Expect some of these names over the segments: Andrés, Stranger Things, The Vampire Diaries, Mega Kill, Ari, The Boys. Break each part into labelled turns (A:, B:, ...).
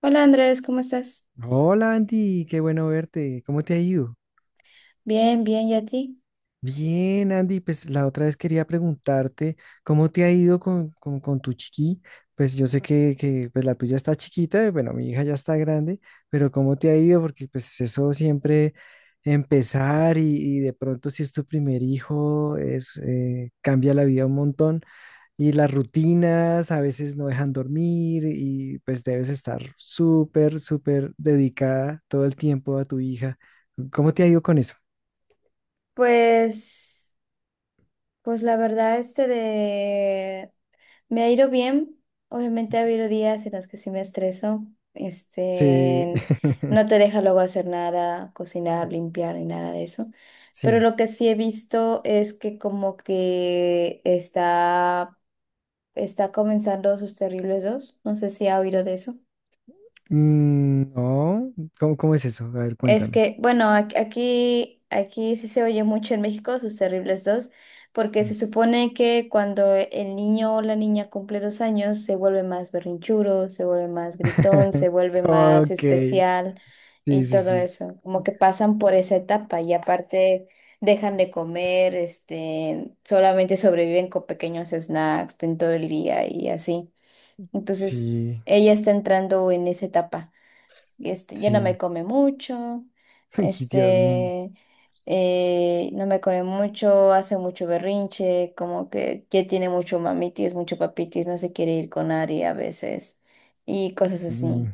A: Hola Andrés, ¿cómo estás?
B: Hola Andy, qué bueno verte. ¿Cómo te ha ido?
A: Bien, bien, ¿y a ti?
B: Bien, Andy, pues la otra vez quería preguntarte cómo te ha ido con tu chiqui. Pues yo sé que, pues, la tuya está chiquita, bueno, mi hija ya está grande, pero ¿cómo te ha ido? Porque pues eso siempre empezar y de pronto si es tu primer hijo, cambia la vida un montón. Y las rutinas a veces no dejan dormir y pues debes estar súper, súper dedicada todo el tiempo a tu hija. ¿Cómo te ha ido con eso?
A: Pues, pues la verdad, este de me ha ido bien. Obviamente ha habido días en los que sí me estreso.
B: Sí,
A: Este, no te deja luego hacer nada, cocinar, limpiar ni nada de eso. Pero
B: sí.
A: lo que sí he visto es que como que está comenzando sus terribles dos. No sé si ha oído de eso.
B: Mm, no, cómo es eso? A ver,
A: Es
B: cuéntame.
A: que, bueno, aquí sí se oye mucho en México sus terribles dos, porque
B: Mm.
A: se supone que cuando el niño o la niña cumple 2 años se vuelve más berrinchuro, se vuelve más gritón, se vuelve más
B: Ok, sí,
A: especial
B: sí,
A: y todo
B: sí,
A: eso. Como que pasan por esa etapa y aparte dejan de comer, solamente sobreviven con pequeños snacks en todo el día y así. Entonces,
B: sí,
A: ella está entrando en esa etapa y ya no me
B: sí.
A: come mucho.
B: Ay, Dios mío.
A: Este, eh, no me come mucho, hace mucho berrinche, como que ya tiene mucho mamitis, mucho papitis, no se quiere ir con Ari a veces y cosas
B: Mm.
A: así.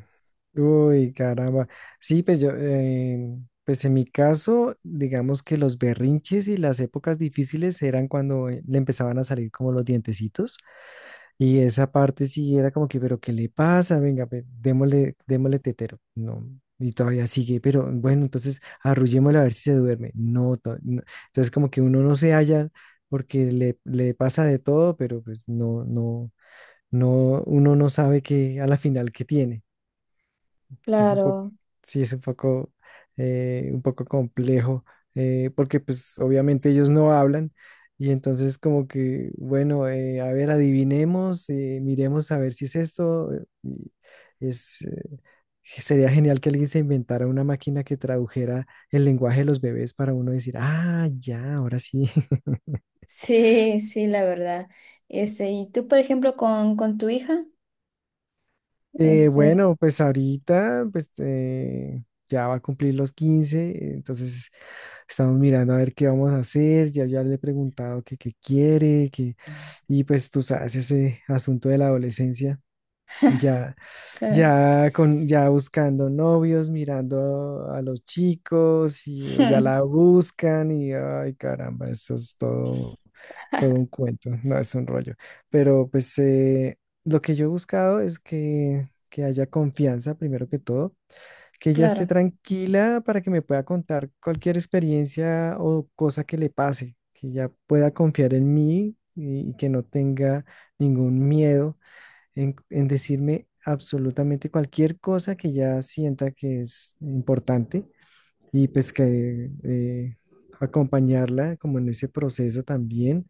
B: Uy, caramba. Sí, pues yo, pues en mi caso, digamos que los berrinches y las épocas difíciles eran cuando le empezaban a salir como los dientecitos y esa parte sí era como que, pero ¿qué le pasa? Venga, ve, démosle, démosle tetero. No, y todavía sigue, pero bueno, entonces arrullémosle a ver si se duerme. No, no. Entonces como que uno no se halla porque le pasa de todo, pero pues no, no, no, uno no sabe que a la final qué tiene. Es un poco,
A: Claro,
B: sí, es un poco complejo, porque pues obviamente ellos no hablan y entonces como que, bueno, a ver, adivinemos, miremos a ver si es esto. Y es, eh, Sería genial que alguien se inventara una máquina que tradujera el lenguaje de los bebés para uno decir, ah, ya, ahora sí.
A: sí, sí, la verdad. ¿Y tú, por ejemplo, con tu hija, este,
B: Bueno, pues ahorita pues, ya va a cumplir los 15, entonces estamos mirando a ver qué vamos a hacer, ya, ya le he preguntado que qué quiere, y pues tú sabes, ese asunto de la adolescencia, ya,
A: que-
B: ya, ya buscando novios, mirando a los chicos y ya la buscan y ay caramba, eso es todo todo un cuento, no es un rollo. Pero pues lo que yo he buscado es que haya confianza, primero que todo, que ella esté
A: claro,
B: tranquila para que me pueda contar cualquier experiencia o cosa que le pase, que ella pueda confiar en mí y que no tenga ningún miedo en decirme absolutamente cualquier cosa que ella sienta que es importante y pues que acompañarla como en ese proceso también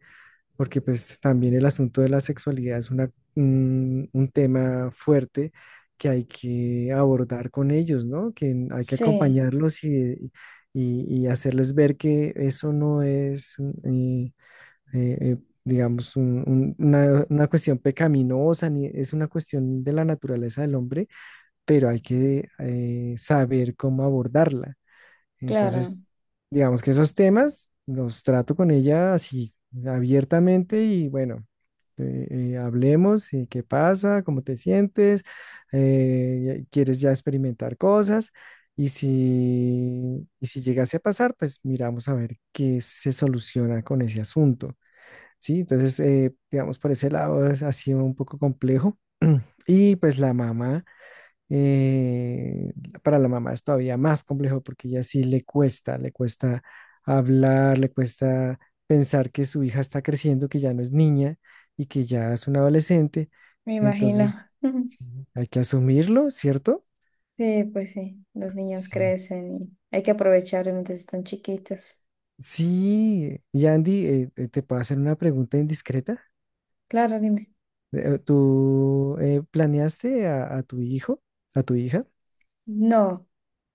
B: porque pues también el asunto de la sexualidad es un tema fuerte que hay que abordar con ellos, ¿no? Que hay que
A: sí,
B: acompañarlos y hacerles ver que eso no es, eh, eh, eh, digamos, una cuestión pecaminosa, ni es una cuestión de la naturaleza del hombre, pero hay que saber cómo abordarla.
A: claro,
B: Entonces, digamos que esos temas los trato con ella así, abiertamente y bueno, eh, hablemos, qué pasa, cómo te sientes, quieres ya experimentar cosas y si llegase a pasar, pues miramos a ver qué se soluciona con ese asunto, ¿sí? Entonces, digamos, por ese lado ha sido un poco complejo y pues la mamá. Eh, para la mamá es todavía más complejo porque ella sí le cuesta hablar, le cuesta pensar que su hija está creciendo, que ya no es niña y que ya es una adolescente.
A: me imagino.
B: Entonces, sí, hay que asumirlo, ¿cierto?
A: Sí, pues sí, los niños
B: Sí.
A: crecen y hay que aprovechar mientras están chiquitos.
B: Sí, y Andy, te puedo hacer una pregunta indiscreta.
A: Claro, dime.
B: ¿Tú planeaste a tu hijo, a tu hija?
A: No,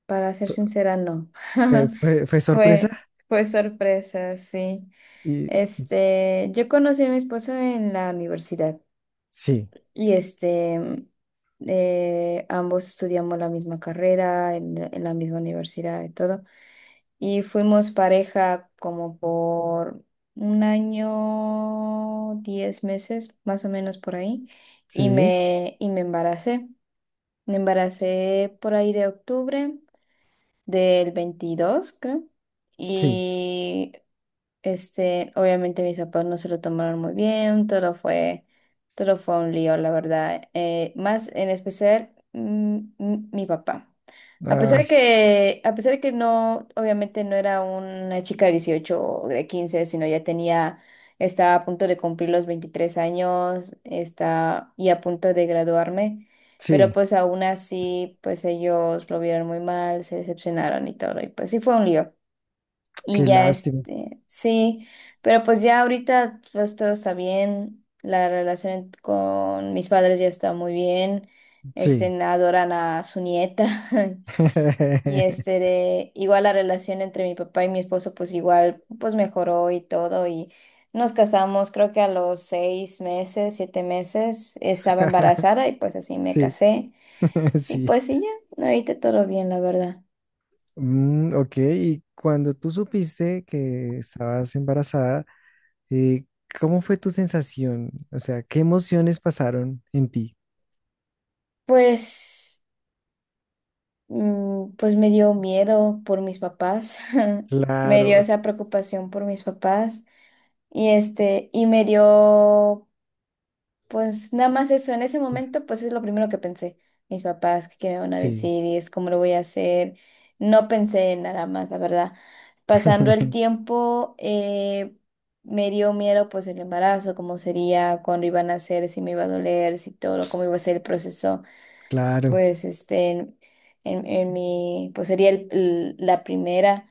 A: para ser sincera, no.
B: ¿Fue, fue- fue
A: Fue,
B: sorpresa?
A: fue sorpresa, sí.
B: Y, y-
A: Yo conocí a mi esposo en la universidad.
B: sí,
A: y este, mm, Ambos estudiamos la misma carrera en la misma universidad y todo. Y fuimos pareja como por un año, 10 meses, más o menos por ahí, y
B: sí,
A: me, y me embaracé. Me embaracé por ahí de octubre del 22, creo,
B: sí.
A: y obviamente mis papás no se lo tomaron muy bien. Todo fue un lío, la verdad. Más en especial, mi papá. A pesar
B: Ay,
A: de que, a pesar de que no, obviamente no era una chica de 18 o de 15, sino estaba a punto de cumplir los 23 años, está y a punto de graduarme, pero
B: sí,
A: pues aún así, pues ellos lo vieron muy mal, se decepcionaron y todo, y pues sí fue un lío. Y
B: qué
A: ya
B: lástima.
A: este, sí, pero pues ya ahorita pues todo está bien, la relación con mis padres ya está muy bien. este,
B: Sí.
A: adoran a su nieta. y este, de- igual la relación entre mi papá y mi esposo pues igual pues mejoró y todo, y nos casamos creo que a los 6 meses, 7 meses estaba embarazada y pues así me
B: Sí,
A: casé y
B: sí.
A: pues sí ya, ahorita todo bien la verdad.
B: Mm, ok, y cuando tú supiste que estabas embarazada, eh, ¿cómo fue tu sensación? O sea, ¿qué emociones pasaron en ti?
A: Pues... Pues me dio miedo por mis papás. Me dio
B: Claro,
A: esa preocupación por mis papás, y este, y me dio, pues nada más eso. En ese momento pues es lo primero que pensé, mis papás, qué me van a
B: sí.
A: decir y es cómo lo voy a hacer. No pensé en nada más, la verdad. Pasando el tiempo, me dio miedo pues el embarazo, cómo sería, cuándo iban a hacer, si me iba a doler, si todo, cómo iba a ser el proceso.
B: Claro,
A: pues este, en, pues sería la primera,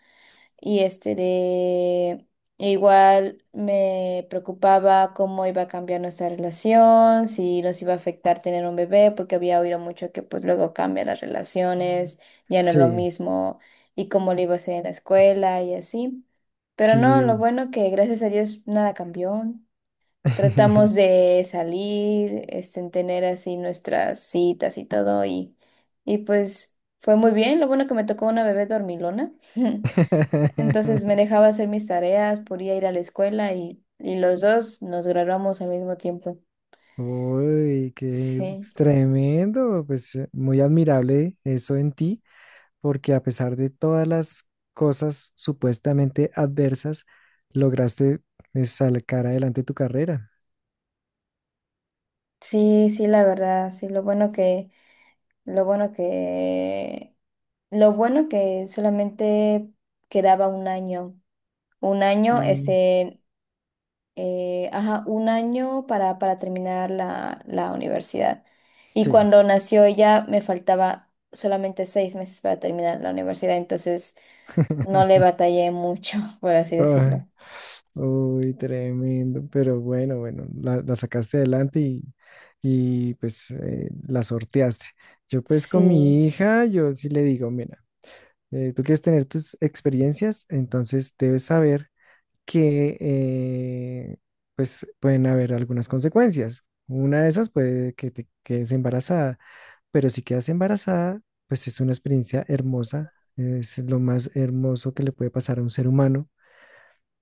A: y este de, igual me preocupaba cómo iba a cambiar nuestra relación, si nos iba a afectar tener un bebé, porque había oído mucho que pues luego cambian las relaciones, ya no es lo
B: sí,
A: mismo y cómo le iba a hacer en la escuela y así. Pero
B: sí.
A: no, lo bueno que gracias a Dios nada cambió. Tratamos de salir, en tener así nuestras citas y todo, y pues fue muy bien. Lo bueno que me tocó una bebé dormilona. Entonces me dejaba hacer mis tareas, podía ir a la escuela, y los dos nos graduamos al mismo tiempo.
B: Uy, qué
A: Sí,
B: tremendo, pues muy admirable eso en ti. Porque a pesar de todas las cosas supuestamente adversas, lograste sacar adelante tu carrera.
A: sí, sí, la verdad, sí, lo bueno que, lo bueno que, lo bueno que solamente quedaba un año,
B: Mm,
A: este, ajá, un año para terminar la universidad. Y
B: sí.
A: cuando nació ella me faltaba solamente 6 meses para terminar la universidad, entonces no le batallé mucho, por así
B: Ah,
A: decirlo.
B: uy, tremendo, pero bueno, bueno, la sacaste adelante pues la sorteaste. Yo pues con
A: Sí,
B: mi hija, yo sí le digo, mira, tú quieres tener tus experiencias, entonces debes saber que pues pueden haber algunas consecuencias. Una de esas puede que te quedes embarazada, pero si quedas embarazada, pues es una experiencia hermosa, es lo más hermoso que le puede pasar a un ser humano,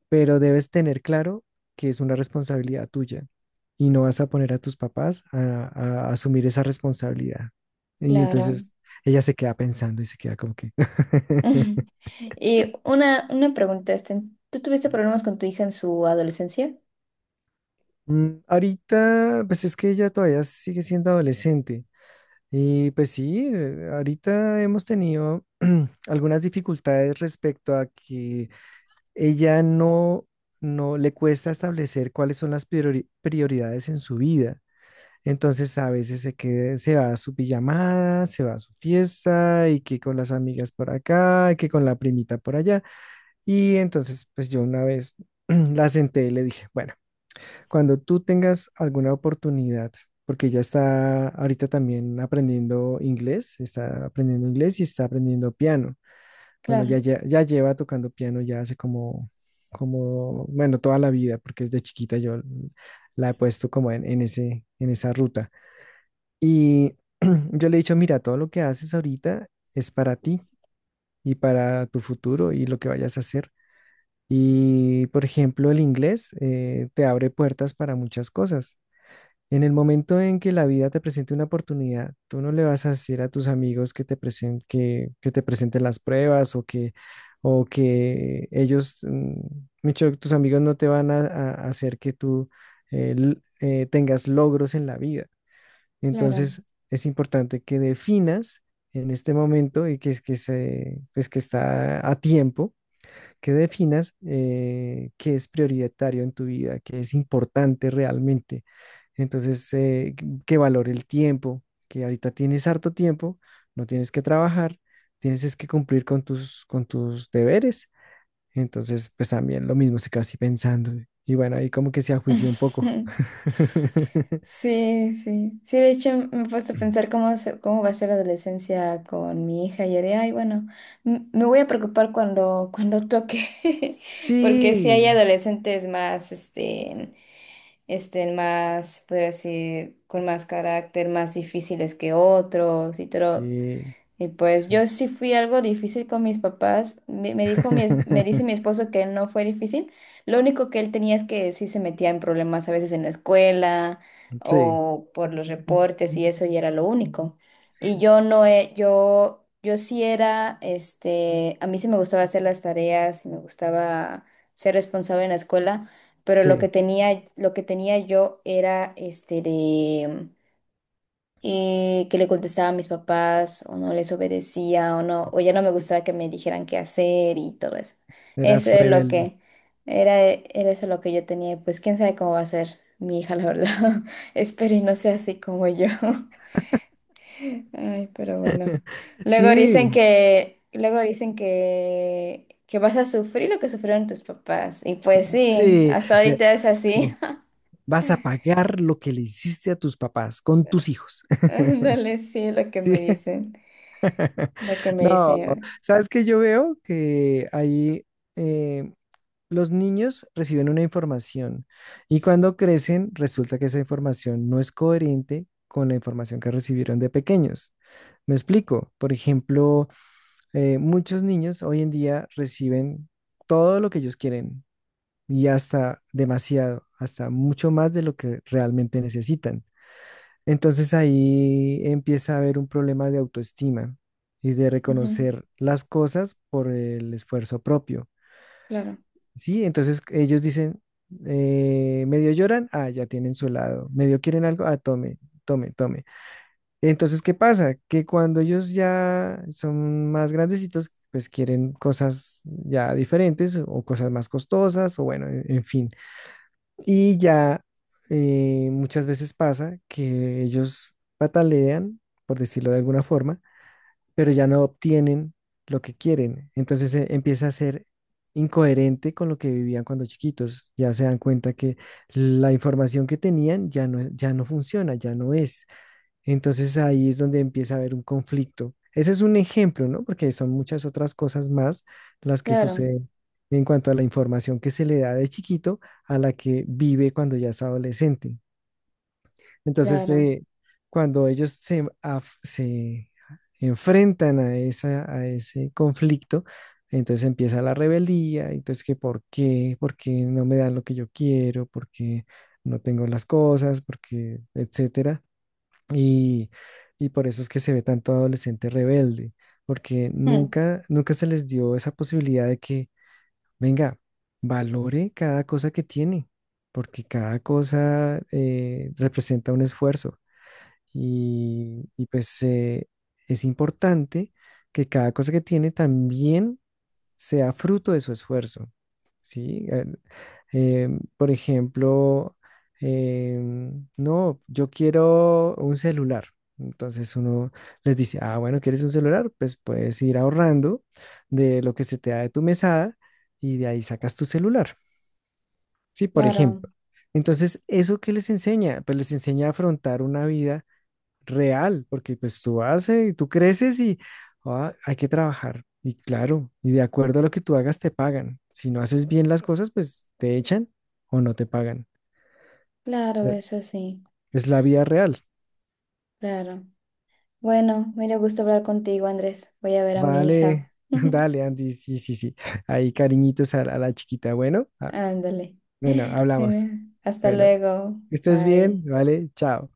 B: pero debes tener claro que es una responsabilidad tuya y no vas a poner a tus papás a asumir esa responsabilidad. Y
A: claro.
B: entonces ella se queda pensando y se queda como que.
A: Y una pregunta, ¿tú tuviste problemas con tu hija en su adolescencia?
B: Mm, ahorita, pues es que ella todavía sigue siendo adolescente. Y pues sí, ahorita hemos tenido algunas dificultades respecto a que ella no le cuesta establecer cuáles son las prioridades en su vida. Entonces a veces se va a su pijamada, se va a su fiesta y que con las amigas por acá, y que con la primita por allá. Y entonces pues yo una vez la senté y le dije, bueno. Cuando tú tengas alguna oportunidad, porque ya está ahorita también aprendiendo inglés, está aprendiendo inglés y está aprendiendo piano. Bueno,
A: Claro,
B: ya, ya, ya lleva tocando piano ya hace como, bueno, toda la vida, porque desde chiquita yo la he puesto como en esa ruta. Y yo le he dicho, mira, todo lo que haces ahorita es para ti y para tu futuro y lo que vayas a hacer. Y, por ejemplo, el inglés te abre puertas para muchas cosas. En el momento en que la vida te presente una oportunidad, tú no le vas a decir a tus amigos que te que te presenten las pruebas o o que ellos, mucho, tus amigos no te van a hacer que tú tengas logros en la vida.
A: claro.
B: Entonces, es importante que definas en este momento y que, es- que, se, pues que está a tiempo que definas qué es prioritario en tu vida, qué es importante realmente. Entonces, que valore el tiempo, que ahorita tienes harto tiempo, no tienes que trabajar, tienes es que cumplir con tus, deberes. Entonces, pues también lo mismo se quedó así pensando. Y bueno, ahí como que se ajuició un poco.
A: Sí, sí. Sí, de hecho me he puesto a pensar cómo va a ser la adolescencia con mi hija y haré, ay, bueno, me voy a preocupar cuando toque, porque si hay
B: Sí,
A: adolescentes más, más, por decir, con más carácter, más difíciles que otros y todo,
B: sí.
A: y pues yo sí fui algo difícil con mis papás. Me dice mi esposo que no fue difícil. Lo único que él tenía es que sí se metía en problemas a veces en la escuela
B: Sí,
A: o por los reportes y eso y era lo único. Y yo no he, yo sí era, a mí sí me gustaba hacer las tareas y me gustaba ser responsable en la escuela, pero lo que
B: sí,
A: tenía, lo que tenía yo era este de que le contestaba a mis papás o no les obedecía o no, o ya no me gustaba que me dijeran qué hacer y todo eso. Eso
B: eras
A: es lo
B: rebelde.
A: que era. Era eso lo que yo tenía. Y pues quién sabe cómo va a ser mi hija, la verdad. Espero y no sea así como yo. Ay, pero bueno. Luego dicen
B: Sí,
A: que, luego dicen que, que vas a sufrir lo que sufrieron tus papás. Y pues sí,
B: sí,
A: hasta
B: le-
A: ahorita es
B: es que
A: así.
B: vas a pagar lo que le hiciste a tus papás con tus hijos.
A: Ándale, sí, lo que
B: Sí.
A: me dicen, lo que me
B: No,
A: dicen.
B: sabes que yo veo que ahí eh, los niños reciben una información y cuando crecen resulta que esa información no es coherente con la información que recibieron de pequeños. Me explico. Por ejemplo, muchos niños hoy en día reciben todo lo que ellos quieren. Y hasta demasiado, hasta mucho más de lo que realmente necesitan. Entonces ahí empieza a haber un problema de autoestima y de
A: Ujú,
B: reconocer las cosas por el esfuerzo propio.
A: claro.
B: Sí, entonces ellos dicen, medio lloran, ah, ya tienen su helado, medio quieren algo, ah, tome, tome, tome. Entonces, ¿qué pasa? Que cuando ellos ya son más grandecitos, pues quieren cosas ya diferentes o cosas más costosas o bueno, en fin. Y ya muchas veces pasa que ellos patalean, por decirlo de alguna forma, pero ya no obtienen lo que quieren. Entonces empieza a ser incoherente con lo que vivían cuando chiquitos. Ya se dan cuenta que la información que tenían ya no, ya no funciona, ya no es. Entonces ahí es donde empieza a haber un conflicto. Ese es un ejemplo, ¿no? Porque son muchas otras cosas más las que
A: Claro,
B: suceden en cuanto a la información que se le da de chiquito a la que vive cuando ya es adolescente. Entonces,
A: claro,
B: cuando ellos se enfrentan a ese conflicto, entonces empieza la rebeldía, entonces que por qué, no me dan lo que yo quiero, por qué no tengo las cosas, por qué, etcétera. Y, y por eso es que se ve tanto adolescente rebelde, porque
A: mm,
B: nunca, nunca se les dio esa posibilidad de que, venga, valore cada cosa que tiene, porque cada cosa representa un esfuerzo. Y pues es importante que cada cosa que tiene también sea fruto de su esfuerzo. ¿Sí? Eh, por ejemplo, eh, no, yo quiero un celular. Entonces uno les dice, ah, bueno, ¿quieres un celular? Pues puedes ir ahorrando de lo que se te da de tu mesada y de ahí sacas tu celular, ¿sí? Por
A: claro,
B: ejemplo. Entonces, ¿eso qué les enseña? Pues les enseña a afrontar una vida real, porque pues tú haces, tú creces y ah, hay que trabajar. Y claro, y de acuerdo a lo que tú hagas te pagan. Si no haces bien las cosas, pues te echan o no te pagan. O
A: claro,
B: sea,
A: eso sí,
B: es la vida real.
A: claro. Bueno, me dio gusto hablar contigo, Andrés. Voy a ver a mi hija.
B: Vale, dale, Andy, sí, sí, sí. Ahí cariñitos a la chiquita. Bueno, ah,
A: Ándale.
B: bueno, hablamos.
A: Bueno, hasta
B: Bueno,
A: luego.
B: que estés bien,
A: Bye.
B: vale, chao.